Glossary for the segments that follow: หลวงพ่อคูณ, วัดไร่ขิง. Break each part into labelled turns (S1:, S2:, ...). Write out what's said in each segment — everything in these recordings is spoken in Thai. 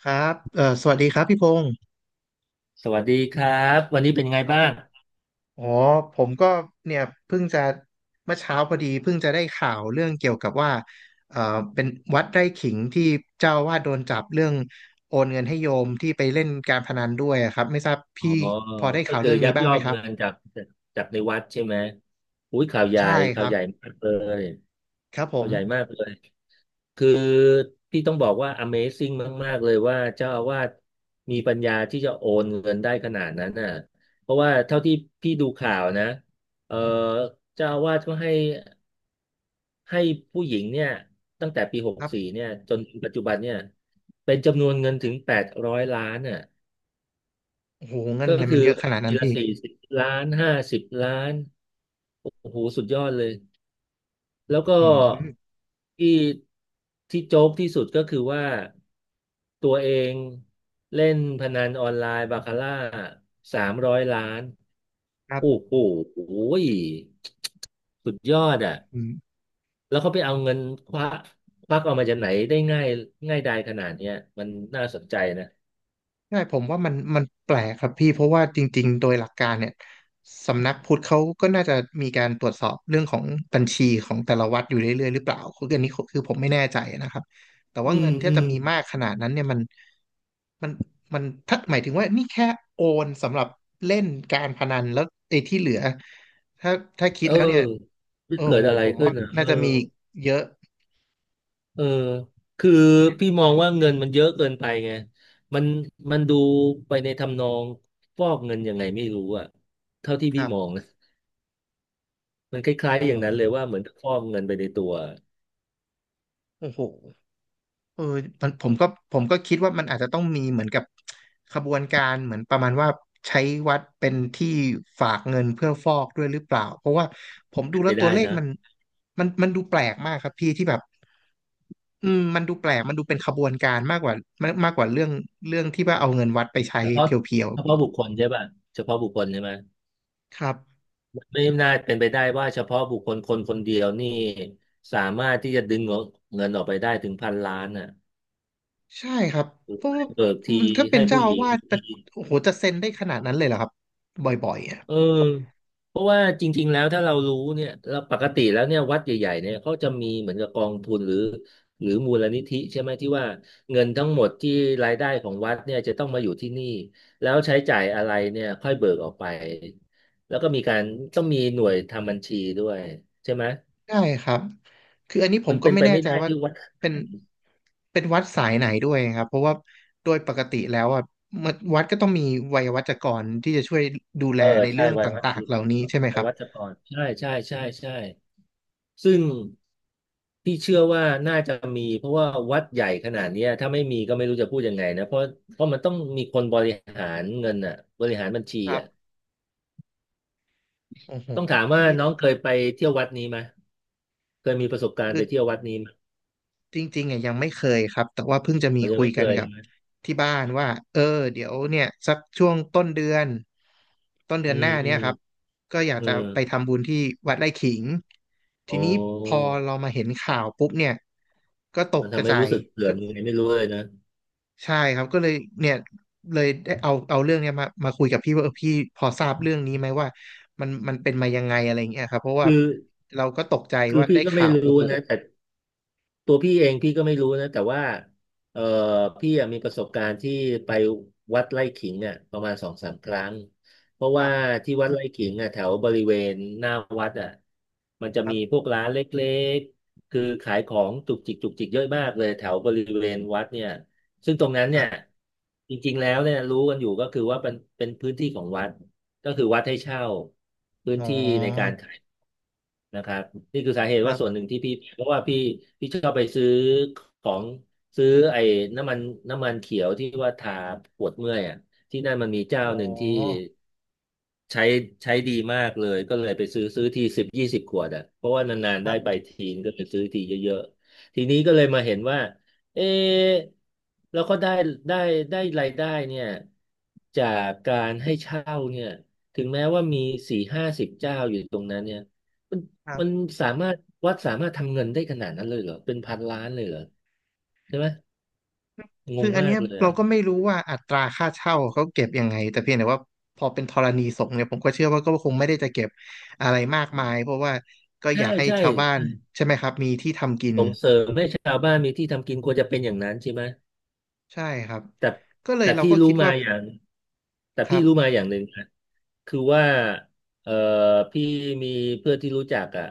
S1: ครับสวัสดีครับพี่พงศ์
S2: สวัสดีครับวันนี้เป็นไง
S1: ครั
S2: บ้าง
S1: บอ๋อผมก็เนี่ยเพิ่งจะเมื่อเช้าพอดีเพิ่งจะได้ข่าวเรื่องเกี่ยวกับว่าเอ่อเป็นวัดไร่ขิงที่เจ้าอาวาสโดนจับเรื่องโอนเงินให้โยมที่ไปเล่นการพนันด้วยอะครับไม่ทราบ
S2: อ๋อ
S1: พี่พอได้
S2: ก็
S1: ข่าว
S2: คือ
S1: เรื่อง
S2: ยั
S1: นี้
S2: ก
S1: บ้าง
S2: ยอ
S1: ไหม
S2: ก
S1: ครั
S2: เงิน
S1: บ
S2: จากในวัดใช่ไหมอุ้ยข่าวใหญ่
S1: ใช่ค
S2: ข่าว
S1: รับ
S2: ใหญ่มากเลย
S1: ครับผ
S2: ข่าว
S1: ม
S2: ใหญ่มากเลยคือพี่ต้องบอกว่า Amazing มากๆเลยว่าเจ้าอาวาสมีปัญญาที่จะโอนเงินได้ขนาดนั้นน่ะเพราะว่าเท่าที่พี่ดูข่าวนะเออเจ้าอาวาสก็ให้ผู้หญิงเนี่ยตั้งแต่ปีหก
S1: ครับ
S2: สี่เนี่ยจนถึงปัจจุบันเนี่ยเป็นจำนวนเงินถึง800 ล้านน่ะ
S1: โอ้โหเงิน
S2: ก็
S1: อะไรมั
S2: คือ
S1: นเยอะ
S2: โอ
S1: ขนา
S2: น
S1: ดนั้
S2: ที
S1: น
S2: ละ
S1: พี่
S2: 40 ล้าน50 ล้านโอ้โหสุดยอดเลยแล้วก็
S1: อืม
S2: ที่ที่โจ๊กที่สุดก็คือว่าตัวเองเล่นพนันออนไลน์บาคาร่า300 ล้าน
S1: ครั
S2: โอ้
S1: บ
S2: โหยสุดยอดอ่ะแล้วเขาไปเอาเงินควักควักออกมาจากไหนได้ง่ายง่ายดายขนาดเนี้ยมันน่าสนใจนะ
S1: ใช่ผมว่ามันแปลกครับพี่เพราะว่าจริงๆโดยหลักการเนี่ยสำนักพุทธเขาก็น่าจะมีการตรวจสอบเรื่องของบัญชีของแต่ละวัดอยู่เรื่อยๆหรือเปล่าคืออันนี้คือผมไม่แน่ใจนะครับแต่ว่า
S2: อื
S1: เงิ
S2: ม
S1: นที่
S2: อื
S1: จะ
S2: ม
S1: มีมากขนาดนั้นเนี่ยมันมันมันถ้าหมายถึงว่านี่แค่โอนสำหรับเล่นการพนันแล้วไอ้ที่เหลือถ้าถ้าคิด
S2: เอ
S1: แล้วเนี่ย
S2: อ
S1: โอ้
S2: เกิด
S1: โห
S2: อะไร
S1: ผม
S2: ขึ้
S1: ว่า
S2: นอ่ะเอ
S1: น่า
S2: อ
S1: จะมีเยอะ
S2: เออคือพี่มองว่าเงินมันเยอะเกินไปไงมันมันดูไปในทำนองฟอกเงินยังไงไม่รู้อะเท่าที่
S1: ค
S2: พี่
S1: รับ
S2: มองนะมันคล้าย
S1: โอ้
S2: ๆอย่างนั้นเล
S1: โห
S2: ยว่าเหมือนฟอกเงินไปในตัว
S1: โอ้โห เออมันผมก็คิดว่ามันอาจจะต้องมีเหมือนกับขบวนการเหมือนประมาณว่าใช้วัดเป็นที่ฝากเงินเพื่อฟอกด้วยหรือเปล่าเพราะว่าผมดู
S2: เป็น
S1: แล้
S2: ไป
S1: วตัว
S2: ได้
S1: เลข
S2: นะ
S1: มันมันดูแปลกมากครับพี่ที่แบบอืมมันดูแปลกมันดูเป็นขบวนการมากกว่ามากมากกว่าเรื่องที่ว่าเอาเงินวัดไปใช้
S2: เฉพาะ
S1: เพียว
S2: เฉพาะบุคคลใช่ป่ะเฉพาะบุคคลใช่ไหม
S1: ๆครับ
S2: มันไม่น่าเป็นไปได้ว่าเฉพาะบุคคลคนคนเดียวนี่สามารถที่จะดึงเงินออกไปได้ถึงพันล้านอ่ะ
S1: ใช่ครับเพราะว่า
S2: เบิกที
S1: มันถ้าเป็
S2: ให้
S1: นเจ้า
S2: ผู้ห
S1: อา
S2: ญิง
S1: วาสจะ
S2: ที
S1: โอ้โหจะเซ็นได้ขนาดนั้นเลยเหรอครับบ่อยๆอ่ะ
S2: เออเพราะว่าจริงๆแล้วถ้าเรารู้เนี่ยเราปกติแล้วเนี่ยวัดใหญ่ๆเนี่ยเขาจะมีเหมือนกับกองทุนหรือมูลนิธิใช่ไหมที่ว่าเงินทั้งหมดที่รายได้ของวัดเนี่ยจะต้องมาอยู่ที่นี่แล้วใช้จ่ายอะไรเนี่ยค่อยเบิกออกไปแล้วก็มีการต้องมีหน่วยทำบัญชีด้วยใช่ไหม
S1: ได้ครับ คืออันนี้ผ
S2: มั
S1: ม
S2: น
S1: ก็
S2: เป็น
S1: ไม่
S2: ไป
S1: แน่
S2: ไม่
S1: ใจ
S2: ได้
S1: ว่า
S2: ที่วัด
S1: เป็นเป็นวัดสายไหนด้วยครับ เพราะว่าโดยปกติแล้วอ่ะมันวัดก็ต้องมีไวยาวัจกรที่จะช่วยดูแล
S2: เออ
S1: ใน
S2: ใช่
S1: เรื่อง
S2: ไวัยวัด
S1: ต่า
S2: ไ
S1: งๆ เหล่านี้
S2: ว
S1: ใช่ไหมค
S2: าย
S1: รับ
S2: วัชกรใช่ใช่ใช่ใช่ ซึ่งพี่เชื่อว่าน่าจะมีเพราะว่าวัดใหญ่ขนาดเนี้ยถ้าไม่มีก็ไม่รู้จะพูดยังไงนะเพราะมันต้องมีคนบริหารเงินอ่ะบริหารบัญชี
S1: ครับ
S2: อ่ะ
S1: โอ้โห
S2: ต้องถามว่า
S1: นี่
S2: น้องเคยไปเที่ยววัดนี้ไหมเคยมีประสบการณ์
S1: คือ
S2: ไปเที่ยววัดนี้ไหม
S1: จริงๆอ่ะยังไม่เคยครับแต่ว่าเพิ่งจะมี
S2: เรายัง
S1: คุย
S2: ไม่เค
S1: กัน
S2: ย
S1: กับ
S2: นะ
S1: ที่บ้านว่าเออเดี๋ยวเนี่ยสักช่วงต้นเดือน
S2: อื
S1: ห
S2: ม
S1: น้า
S2: อื
S1: เนี่ย
S2: ม
S1: ครับก็อยาก
S2: อื
S1: จะไป
S2: ม
S1: ทำบุญที่วัดไร่ขิงที
S2: โอ้
S1: นี้พอเรามาเห็นข่าวปุ๊บเนี่ยก็ตก
S2: มัน
S1: ก
S2: ทำ
S1: ระ
S2: ให้
S1: ใจา
S2: รู้
S1: ย
S2: สึกเสื่อ
S1: ก็
S2: มยังไงไม่รู้เลยนะ
S1: ใช่ครับก็เลยเนี่ยเลยได้เอาเรื่องเนี้ยมาคุยกับพี่ว่าเออพี่พอทราบเรื่องนี้ไหมว่ามันเป็นมายังไงอะไรอย่างเงี้ยครับเพราะว่า
S2: คือ
S1: เราก็ตกใจ
S2: คือ
S1: ว่า
S2: พี่
S1: ได้
S2: ก็ไม่
S1: ข่าวโอ้
S2: รู้
S1: โห
S2: นะแต่ ตัวพี่เองพี่ก็ไม่รู้นะแต่ว่าเออพี่อะมีประสบการณ์ที่ไปวัดไร่ขิงเนี่ยประมาณสองสามครั้งเพราะ
S1: ครั
S2: ว่า
S1: บ
S2: ที่วัดไร่ขิงอ่ะแถวบริเวณหน้าวัดอ่ะมันจะ
S1: ครั
S2: มีพ
S1: บ
S2: วกร้านเล็กๆคือขายของจุกจิกจุกจิกเยอะมากเลยแถวบริเวณวัดเนี่ยซึ่งตรงนั้น
S1: ค
S2: เนี่
S1: รั
S2: ย
S1: บ
S2: จริงๆแล้วเนี่ยรู้กันอยู่ก็คือว่าเป็นพื้นที่ของวัด ก็คือวัดให้เช่าพื้น
S1: อ๋อ
S2: ที่ในการขายนะครับนี่คือสาเหตุ
S1: ครั
S2: ว่าส่วนห
S1: บ
S2: นึ่งที่พี่เพราะว่าพี่ชอบไปซื้อของซื้อไอ้น้ำมันน้ำมันเขียวที่ว่าทาปวดเมื่อยอ่ะที่นั่นมันมีเจ้า
S1: อ๋อ
S2: หนึ่งที่ใช้ใช้ดีมากเลยก็เลยไปซื้อทีสิบยี่สิบขวดอ่ะเพราะว่านานๆ
S1: ค
S2: ได้
S1: รั
S2: ไป
S1: บ
S2: ทีนก็ไปซื้อทีเยอะๆทีนี้ก็เลยมาเห็นว่าเอ๊ะแล้วก็ได้ได้รายได้เนี่ยจากการให้เช่าเนี่ย ถึงแม้ว่ามีสี่ห้าสิบเจ้าอยู่ตรงนั้นเนี่ยมัน
S1: ครั
S2: มัน
S1: บ
S2: สามารถวัดสามารถทำเงินได้ขนาดนั้นเลยเหรอเป็นพันล้านเลยเหรอใช่ไหมง
S1: คื
S2: ง
S1: ออัน
S2: มา
S1: เนี้
S2: ก
S1: ย
S2: เลย
S1: เรา
S2: อ่ะ
S1: ก็ไม่รู้ว่าอัตราค่าเช่าเขาเก็บยังไงแต่เพียงแต่ว่าพอเป็นธรณีสงฆ์เนี่ยผมก็เชื่อว่าก็คงไม่ได้จะเก็บอะไรมากมายเพราะว่าก็อ
S2: ใช่
S1: ยากให้
S2: ใช่
S1: ชาวบ้าน
S2: ใช่
S1: ใช่ไหมครับมีที่ทำกิน
S2: ส่งเสริมให้ชาวบ้านมีที่ทำกินควรจะเป็นอย่างนั้นใช่ไหม
S1: ใช่ครับ
S2: แต่
S1: ก็เลย
S2: แต่
S1: เรา
S2: พี่
S1: ก็
S2: รู้
S1: คิด
S2: มา
S1: ว่า
S2: อย่างแต่
S1: ครั
S2: พี่
S1: บ
S2: รู้มาอย่างหนึ่งนะคือว่าเอ่อพี่มีเพื่อนที่รู้จักอ่ะ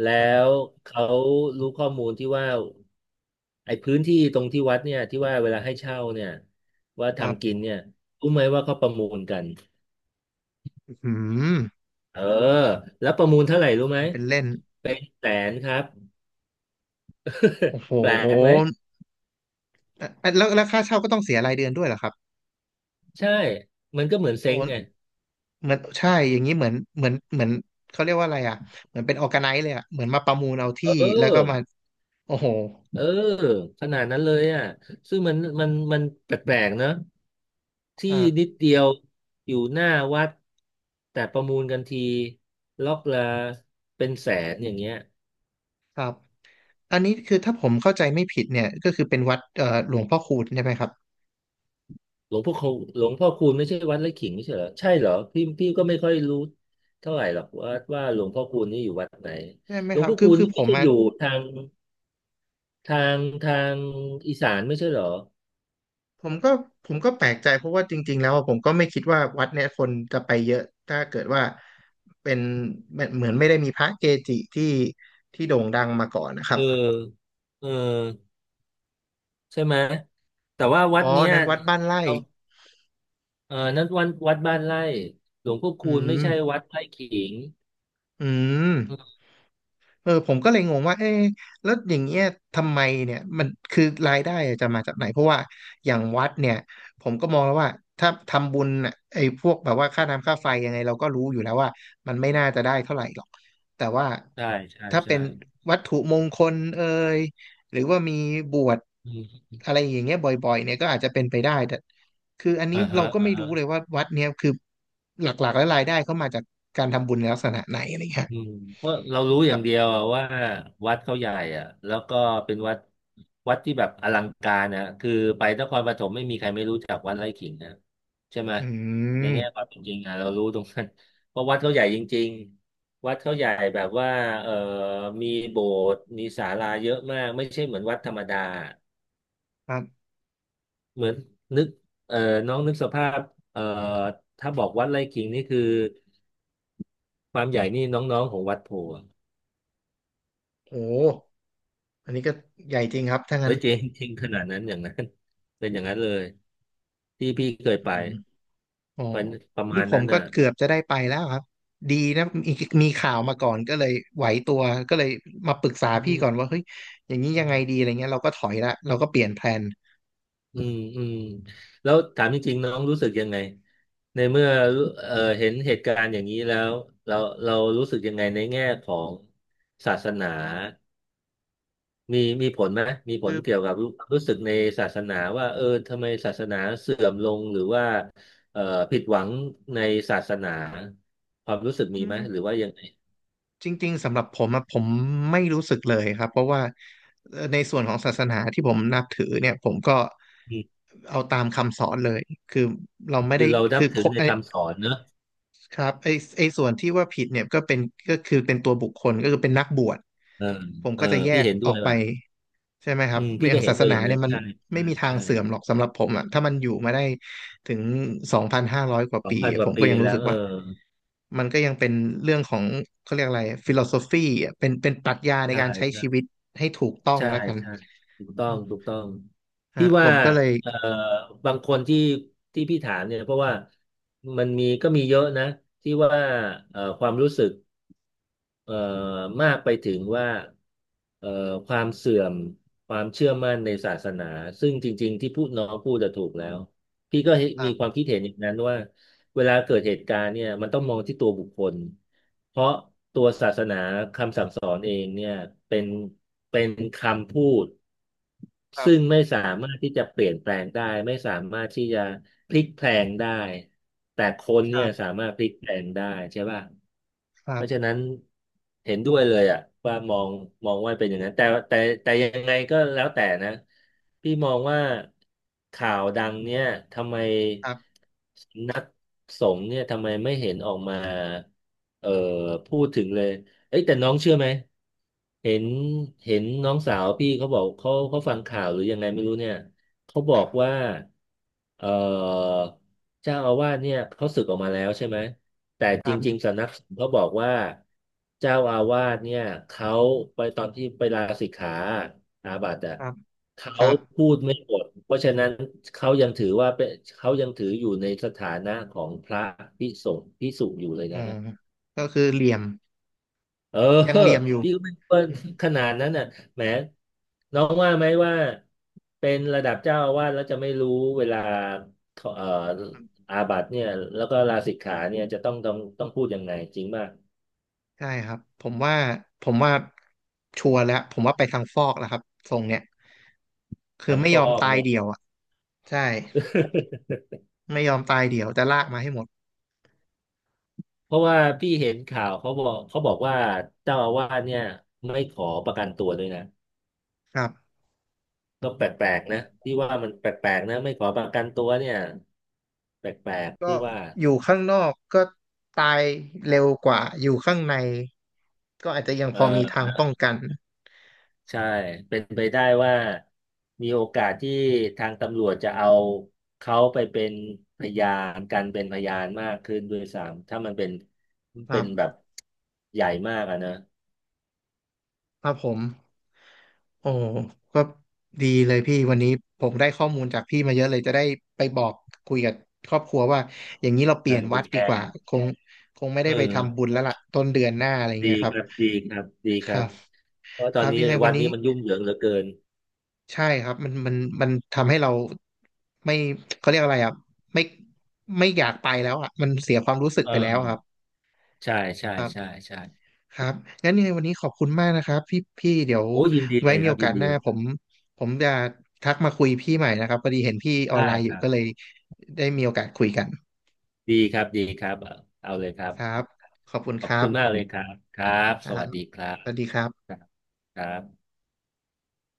S2: แล้
S1: ครับ
S2: วเขารู้ข้อมูลที่ว่า ไอ้พื้นที่ตรงที่วัดเนี่ยที่ว่าเวลาให้เช่าเนี่ยว่า
S1: ครั
S2: ทำกิน
S1: บ
S2: เนี่ยรู้ไหมว่าเขาประมูลกัน
S1: อืม
S2: เออแล้วประมูลเท่าไหร่รู้ไหม
S1: มันเป็นเล่น
S2: เป็นแสนครับ
S1: โอ้โห
S2: แปลกไหม
S1: อ่ะแล้วค่าเช่าก็ต้องเสียรายเดือนด้วยเหรอครับ
S2: ใช่มันก็เหมือน
S1: โอ้
S2: เซ้งไง
S1: เหมือนใช่อย่างนี้เหมือนเขาเรียกว่าอะไรอ่ะเหมือนเป็นออร์แกไนซ์เลยอ่ะเหมือนมาประมูลเอาที่
S2: เอ
S1: แล้วก็มา
S2: อ
S1: โอ้โห
S2: เออขนาดนั้นเลยอ่ะซึ่งมันแปลกๆเนอะที่นิด
S1: อ่า
S2: เดียวอยู่หน้าวัดแต่ประมูลกันทีล็อกละเป็นแสนอย่างเงี้ย
S1: ครับอันนี้คือถ้าผมเข้าใจไม่ผิดเนี่ยก็คือเป็นวัดหลวงพ่อคูณใช่ไหมครับ
S2: หลวงพ่อคูหลวงพ่อคูณไม่ใช่วัดไร่ขิงไม่ใช่เหรอใช่เหรอพี่ก็ไม่ค่อยรู้เท่าไหร่หรอกว่าหลวงพ่อคูณนี่อยู่วัดไหน
S1: ใช่ไหม
S2: หลว
S1: ค
S2: ง
S1: รับ
S2: พ่อ
S1: คือ
S2: คูณ
S1: คือ
S2: นี่
S1: ผ
S2: ไม่
S1: ม
S2: ใช่
S1: อ่ะ
S2: อยู่ทางทางอีสานไม่ใช่เหรอ
S1: ผมก็แปลกใจเพราะว่าจริงๆแล้วอะผมก็ไม่คิดว่าวัดเนี่ยคนจะไปเยอะถ้าเกิดว่าเป็นเหมือนไม่ได้มีพระเกจิที่โด่งดังมาก่อนนะครั
S2: เอ
S1: บ
S2: อเออใช่ไหมแต่ว่าวัด
S1: อ๋อ
S2: เนี้ย
S1: นั้นวัดบ้านไร่
S2: เอาเออนั้นวัดบ้านไร่หลวงพ่อคู
S1: อื
S2: ณไม่
S1: ม
S2: ใช่วัดไร่ขิง
S1: อืม
S2: อืม
S1: เออผมก็เลยงงว่าเอ๊ะแล้วอย่างเงี้ยทำไมเนี่ยมันคือรายได้อะจะมาจากไหนเพราะว่าอย่างวัดเนี่ยผมก็มองแล้วว่าถ้าทำบุญน่ะไอ้พวกแบบว่าค่าน้ำค่าไฟยังไงเราก็รู้อยู่แล้วว่ามันไม่น่าจะได้เท่าไหร่หรอกแต่ว่า
S2: ใช่ใช่
S1: ถ้าเป็
S2: ใช่
S1: นวัตถุมงคลเอ่ยหรือว่ามีบวช
S2: อืม
S1: อะไรอย่างเงี้ยบ่อยๆเนี่ยก็อาจจะเป็นไปได้แต่คืออันนี้
S2: อ่า
S1: เรา
S2: ฮะ
S1: ก็
S2: อ่า
S1: ไม่รู้
S2: ฮะ
S1: เลยว่าวัดเนี่ยคือหลักๆแล้วรายได้เข้ามาจากการทำบุญในลักษณะไหนอะไรเงี้ย
S2: อืมเพราะเรารู้อ
S1: ค
S2: ย่า
S1: รั
S2: งเดีย
S1: บ
S2: วอะว่าวัดเขาใหญ่อ่ะแล้วก็เป็นวัดที่แบบอลังการนะคือไปนครปฐมไม่มีใครไม่รู้จักวัดไร่ขิงนะใช่ไหม
S1: อื
S2: ใน
S1: ม
S2: แง่ความเป็นจริงอ่ะเรารู้ตรงนั้นเพราะวัดเขาใหญ่จริงๆวัดเขาใหญ่แบบว่าเออมีโบสถ์มีศาลาเยอะมากไม่ใช่เหมือนวัดธรรมดา
S1: ครับ
S2: เหมือนนึกเออน้องนึกสภาพเออถ้าบอกวัดไร่ขิงนี่คือความใหญ่นี่น้องๆของวัดโพ
S1: โอ้อันนี้ก็ใหญ่จริงครับถ้า
S2: เฮ้
S1: งั้น
S2: ยจริงจริงขนาดนั้นอย่างนั้น เป็นอย่างนั้นเลยที่พี่เคย
S1: อื
S2: ไป
S1: มอ๋อ
S2: เป็นประมา
S1: นี่
S2: ณ
S1: ผ
S2: นั้
S1: ม
S2: น
S1: ก็
S2: น่ะ
S1: เกือบจะได้ไปแล้วครับดีนะมีข่าวมาก่อนก็เลยไหวตัวก็เลยมาปรึกษา
S2: อื
S1: พี่ก่อน
S2: ม
S1: ว่าเฮ้ยอย่างนี้ยังไงดีอะไรเงี้ยเราก็ถอยละเราก็เปลี่ยนแพลน
S2: อืมแล้วถามจริงๆน้องรู้สึกยังไงในเมื่อเห็นเหตุการณ์อย่างนี้แล้วเราเรารู้สึกยังไงในแง่ของศาสนามีผลไหมมีผ
S1: คื
S2: ล
S1: อ
S2: เกี่ยวกับรู้สึกในศาสนาว่าเออทำไมศาสนาเสื่อมลงหรือว่าเอ่อผิดหวังในศาสนาความรู้สึกมี
S1: อื
S2: ไหมหรือ
S1: ม
S2: ว่ายังไง
S1: จริงๆสำหรับผมอะผมไม่รู้สึกเลยครับเพราะว่าในส่วนของศาสนาที่ผมนับถือเนี่ยผมก็
S2: อื
S1: เอาตามคำสอนเลยคือเราไม่
S2: คื
S1: ได้
S2: อเรานั
S1: คื
S2: บ
S1: อ
S2: ถื
S1: ค
S2: อ
S1: บ
S2: ในคำสอนเนอะ
S1: ครับไอส่วนที่ว่าผิดเนี่ยก็เป็นก็คือเป็นตัวบุคคลก็คือเป็นนักบวช
S2: เออ
S1: ผม
S2: เอ
S1: ก็
S2: อ
S1: จะแย
S2: พี่
S1: ก
S2: เห็นด้
S1: อ
S2: ว
S1: อ
S2: ย
S1: กไป
S2: ว่ะ
S1: ใช่ไหมครั
S2: อื
S1: บ
S2: มพี่
S1: อย่า
S2: ก็
S1: ง
S2: เห็น
S1: ศาส
S2: ด้วยอ
S1: นา
S2: ย่างนั้
S1: เนี่
S2: น
S1: ยมัน
S2: ใช่
S1: ไม่
S2: ใช่
S1: มีทาง
S2: ใช่
S1: เสื่อมหรอกสำหรับผมอ่ะถ้ามันอยู่มาได้ถึงสองพันห้าร้อยกว่า
S2: สอ
S1: ปี
S2: งพันก
S1: ผ
S2: ว่า
S1: มก็
S2: ปี
S1: ยัง
S2: แล้
S1: รู้
S2: ว
S1: สึก
S2: เออ
S1: ว่ามันก็ยังเป็นเรื่องของเขาเรียกอะไรฟิโลโซฟีเป็นปรัชญาใน
S2: ใช่
S1: การใช้ชีวิต
S2: ใช่
S1: ให้ถูกต้อง
S2: ใช่
S1: แล้วกัน
S2: ใช่ถูกต้อ
S1: อื
S2: ง
S1: ม
S2: ถูกต้อง.
S1: ฮะ
S2: พี่
S1: ผ
S2: ว่า
S1: มก็เลย
S2: เอ่อบางคนที่พี่ถามเนี่ยเพราะว่ามันมีก็มีเยอะนะที่ว่าความรู้สึก เอ่อมากไปถึงว่าเอ่อความเสื่อมความเชื่อมั่นในศาสนาซึ่งจริงๆที่พูดน้องพูดจะถูกแล้วพี่ก็
S1: ครั
S2: มีความ
S1: บ
S2: คิดเห็นอย่างนั้นว่า เวลาเกิดเหตุการณ์เนี่ยมันต้องมองที่ตัวบุคคลเพราะตัวศาสนาคำสั่งสอนเองเนี่ยเป็นเป็นคำพูด
S1: ครั
S2: ซึ่ง
S1: บ
S2: ไม่สามารถที่จะเปลี่ยนแปลงได้ไม่สามารถที่จะพลิกแพลงได้แต่คน
S1: ค
S2: เนี่
S1: รั
S2: ย
S1: บ
S2: สามารถพลิกแพลงได้ใช่ป่ะ
S1: ครั
S2: เพราะฉะ
S1: บ
S2: นั้นเห็นด้วยเลยอ่ะว่ามองว่าเป็นอย่างนั้นแต่แต่ยังไงก็แล้วแต่นะพี่มองว่าข่าวดังเนี่ยทำไม
S1: ครับ
S2: สงฆ์เนี่ยทำไมไม่เห็นออกมาเอ่อพูดถึงเลยเอ้ยแต่น้องเชื่อไหมเห็นเห็นน้องสาวพี่เขาบอกเขาเขาฟังข่าวหรือยังไงไม่รู้เนี่ยเขาบ
S1: ค
S2: อ
S1: รั
S2: ก
S1: บ
S2: ว่าเอ่อ เจ้าอาวาสเนี่ยเขาสึกออกมาแล้วใช่ไหมแต่
S1: ค
S2: จ
S1: รับ
S2: ริงๆสำนักสงฆ์เขาบอกว่าเจ้าอาวาสเนี่ยเขาไปตอนที่ไปลาสิกขาอาบัติอ่ะ
S1: ครับ
S2: เขา
S1: ครับ
S2: พูดไม่หมดเพราะฉะนั้นเขายังถือว่าเป็นเขายังถืออยู่ในสถานะของพระภิกษุอยู่เลย
S1: อ๋อ
S2: นะ
S1: ก็คือเหลี่ยม
S2: เออ
S1: ยังเหลี่ยมอยู่
S2: พี่ก็ไม่รู้ว่าขนาดนั้นน่ะแหมน้องว่าไหมว่าเป็นระดับเจ้าอาวาสแล้วจะไม่รู้เวลาเอ่ออาบัติเนี่ยแล้วก็ลาสิกขาเนี่ยจะต้องพูดยังไงจริงมาก
S1: ใช่ครับผมว่าชัวร์แล้วผมว่าไปทางฟอกแล้วครับทรงเนี้ยคือ
S2: ทั้ง
S1: ไม่
S2: ฟ
S1: ย
S2: อ
S1: อม
S2: ก
S1: ตาย
S2: เนอะ
S1: เดี่ยวอ่ะใช่ ไม่ยอมตายเดี่ยวจะลากมาให้หมด
S2: เพราะว่าพี่เห็นข่าวเขาบอกว่าเจ้าอาวาสเนี่ยไม่ขอประกันตัวด้วยนะ
S1: ครับ
S2: ก็แปลกๆนะพี่ว่ามันแปลกๆนะไม่ขอประกันตัวเนี่ยแปลกๆ
S1: ก็
S2: พี่ว่า
S1: อยู่ข้างนอกก็ตายเร็วกว่าอยู่ข้างในก็อาจจะยัง
S2: เอ
S1: พอมีทาง
S2: อ
S1: ป้องกัน
S2: ใช่เป็นไปได้ว่ามีโอกาสที่ทางตำรวจจะเอาเขาไปเป็นพยานกันเป็นพยานมากขึ้นด้วยซ้ำถ้ามันเป็น
S1: ครั
S2: เป็น
S1: บ
S2: แบบใหญ่มากอะนะ
S1: ครับผม โอ้ก็ดีเลยพี่วันนี้ผมได้ข้อมูลจากพี่มาเยอะเลยจะได้ไปบอกคุยกับครอบครัวว่าอย่างนี้เราเป
S2: เอ
S1: ลี่ยน
S2: อไป
S1: วัด
S2: แช
S1: ดีก
S2: ร์
S1: ว่าคงคงไม่
S2: เ
S1: ได้ไปทำบุ
S2: ออ
S1: ญแล้วล่ะต้นเดือนหน้าอะไร
S2: ดี
S1: เงี้ยครั
S2: ค
S1: บ
S2: รับดีครับดี
S1: ค
S2: ครั
S1: รั
S2: บ
S1: บ
S2: เพราะ
S1: ค
S2: ตอ
S1: รั
S2: น
S1: บ
S2: นี้
S1: ยังไงวั
S2: วั
S1: น
S2: ด
S1: นี้
S2: นี้มันยุ่งเหยิงเหลือเกิน
S1: ใช่ครับมันทำให้เราไม่เขาเรียกอะไรอ่ะไม่ไม่อยากไปแล้วอ่ะมันเสียความรู้สึก
S2: เอ
S1: ไปแล้วอะครั
S2: อใช่ใช่
S1: บ
S2: ใช่ใช่
S1: ครับงั้นยังไงวันนี้ขอบคุณมากนะครับพี่เดี๋ยว
S2: โอ้ยินดี
S1: ไว้
S2: เลย
S1: มี
S2: ครั
S1: โอ
S2: บยิ
S1: กา
S2: น
S1: สห
S2: ดี
S1: น้า
S2: เลย
S1: ผมจะทักมาคุยพี่ใหม่นะครับพอดีเห็นพี่ออน
S2: ได้
S1: ไลน์อ
S2: ค
S1: ยู่
S2: รับ
S1: ก็เลยได้มีโอกาสคุยกัน
S2: ดีครับเอาเลยครับ
S1: ครับขอบคุณ
S2: ขอ
S1: ค
S2: บ
S1: รั
S2: คุณมาก
S1: บ
S2: เลยครับครับ
S1: ค
S2: ส
S1: รับ
S2: วัสดีครับ
S1: สวัสดีครั
S2: ค
S1: บ
S2: รับครับ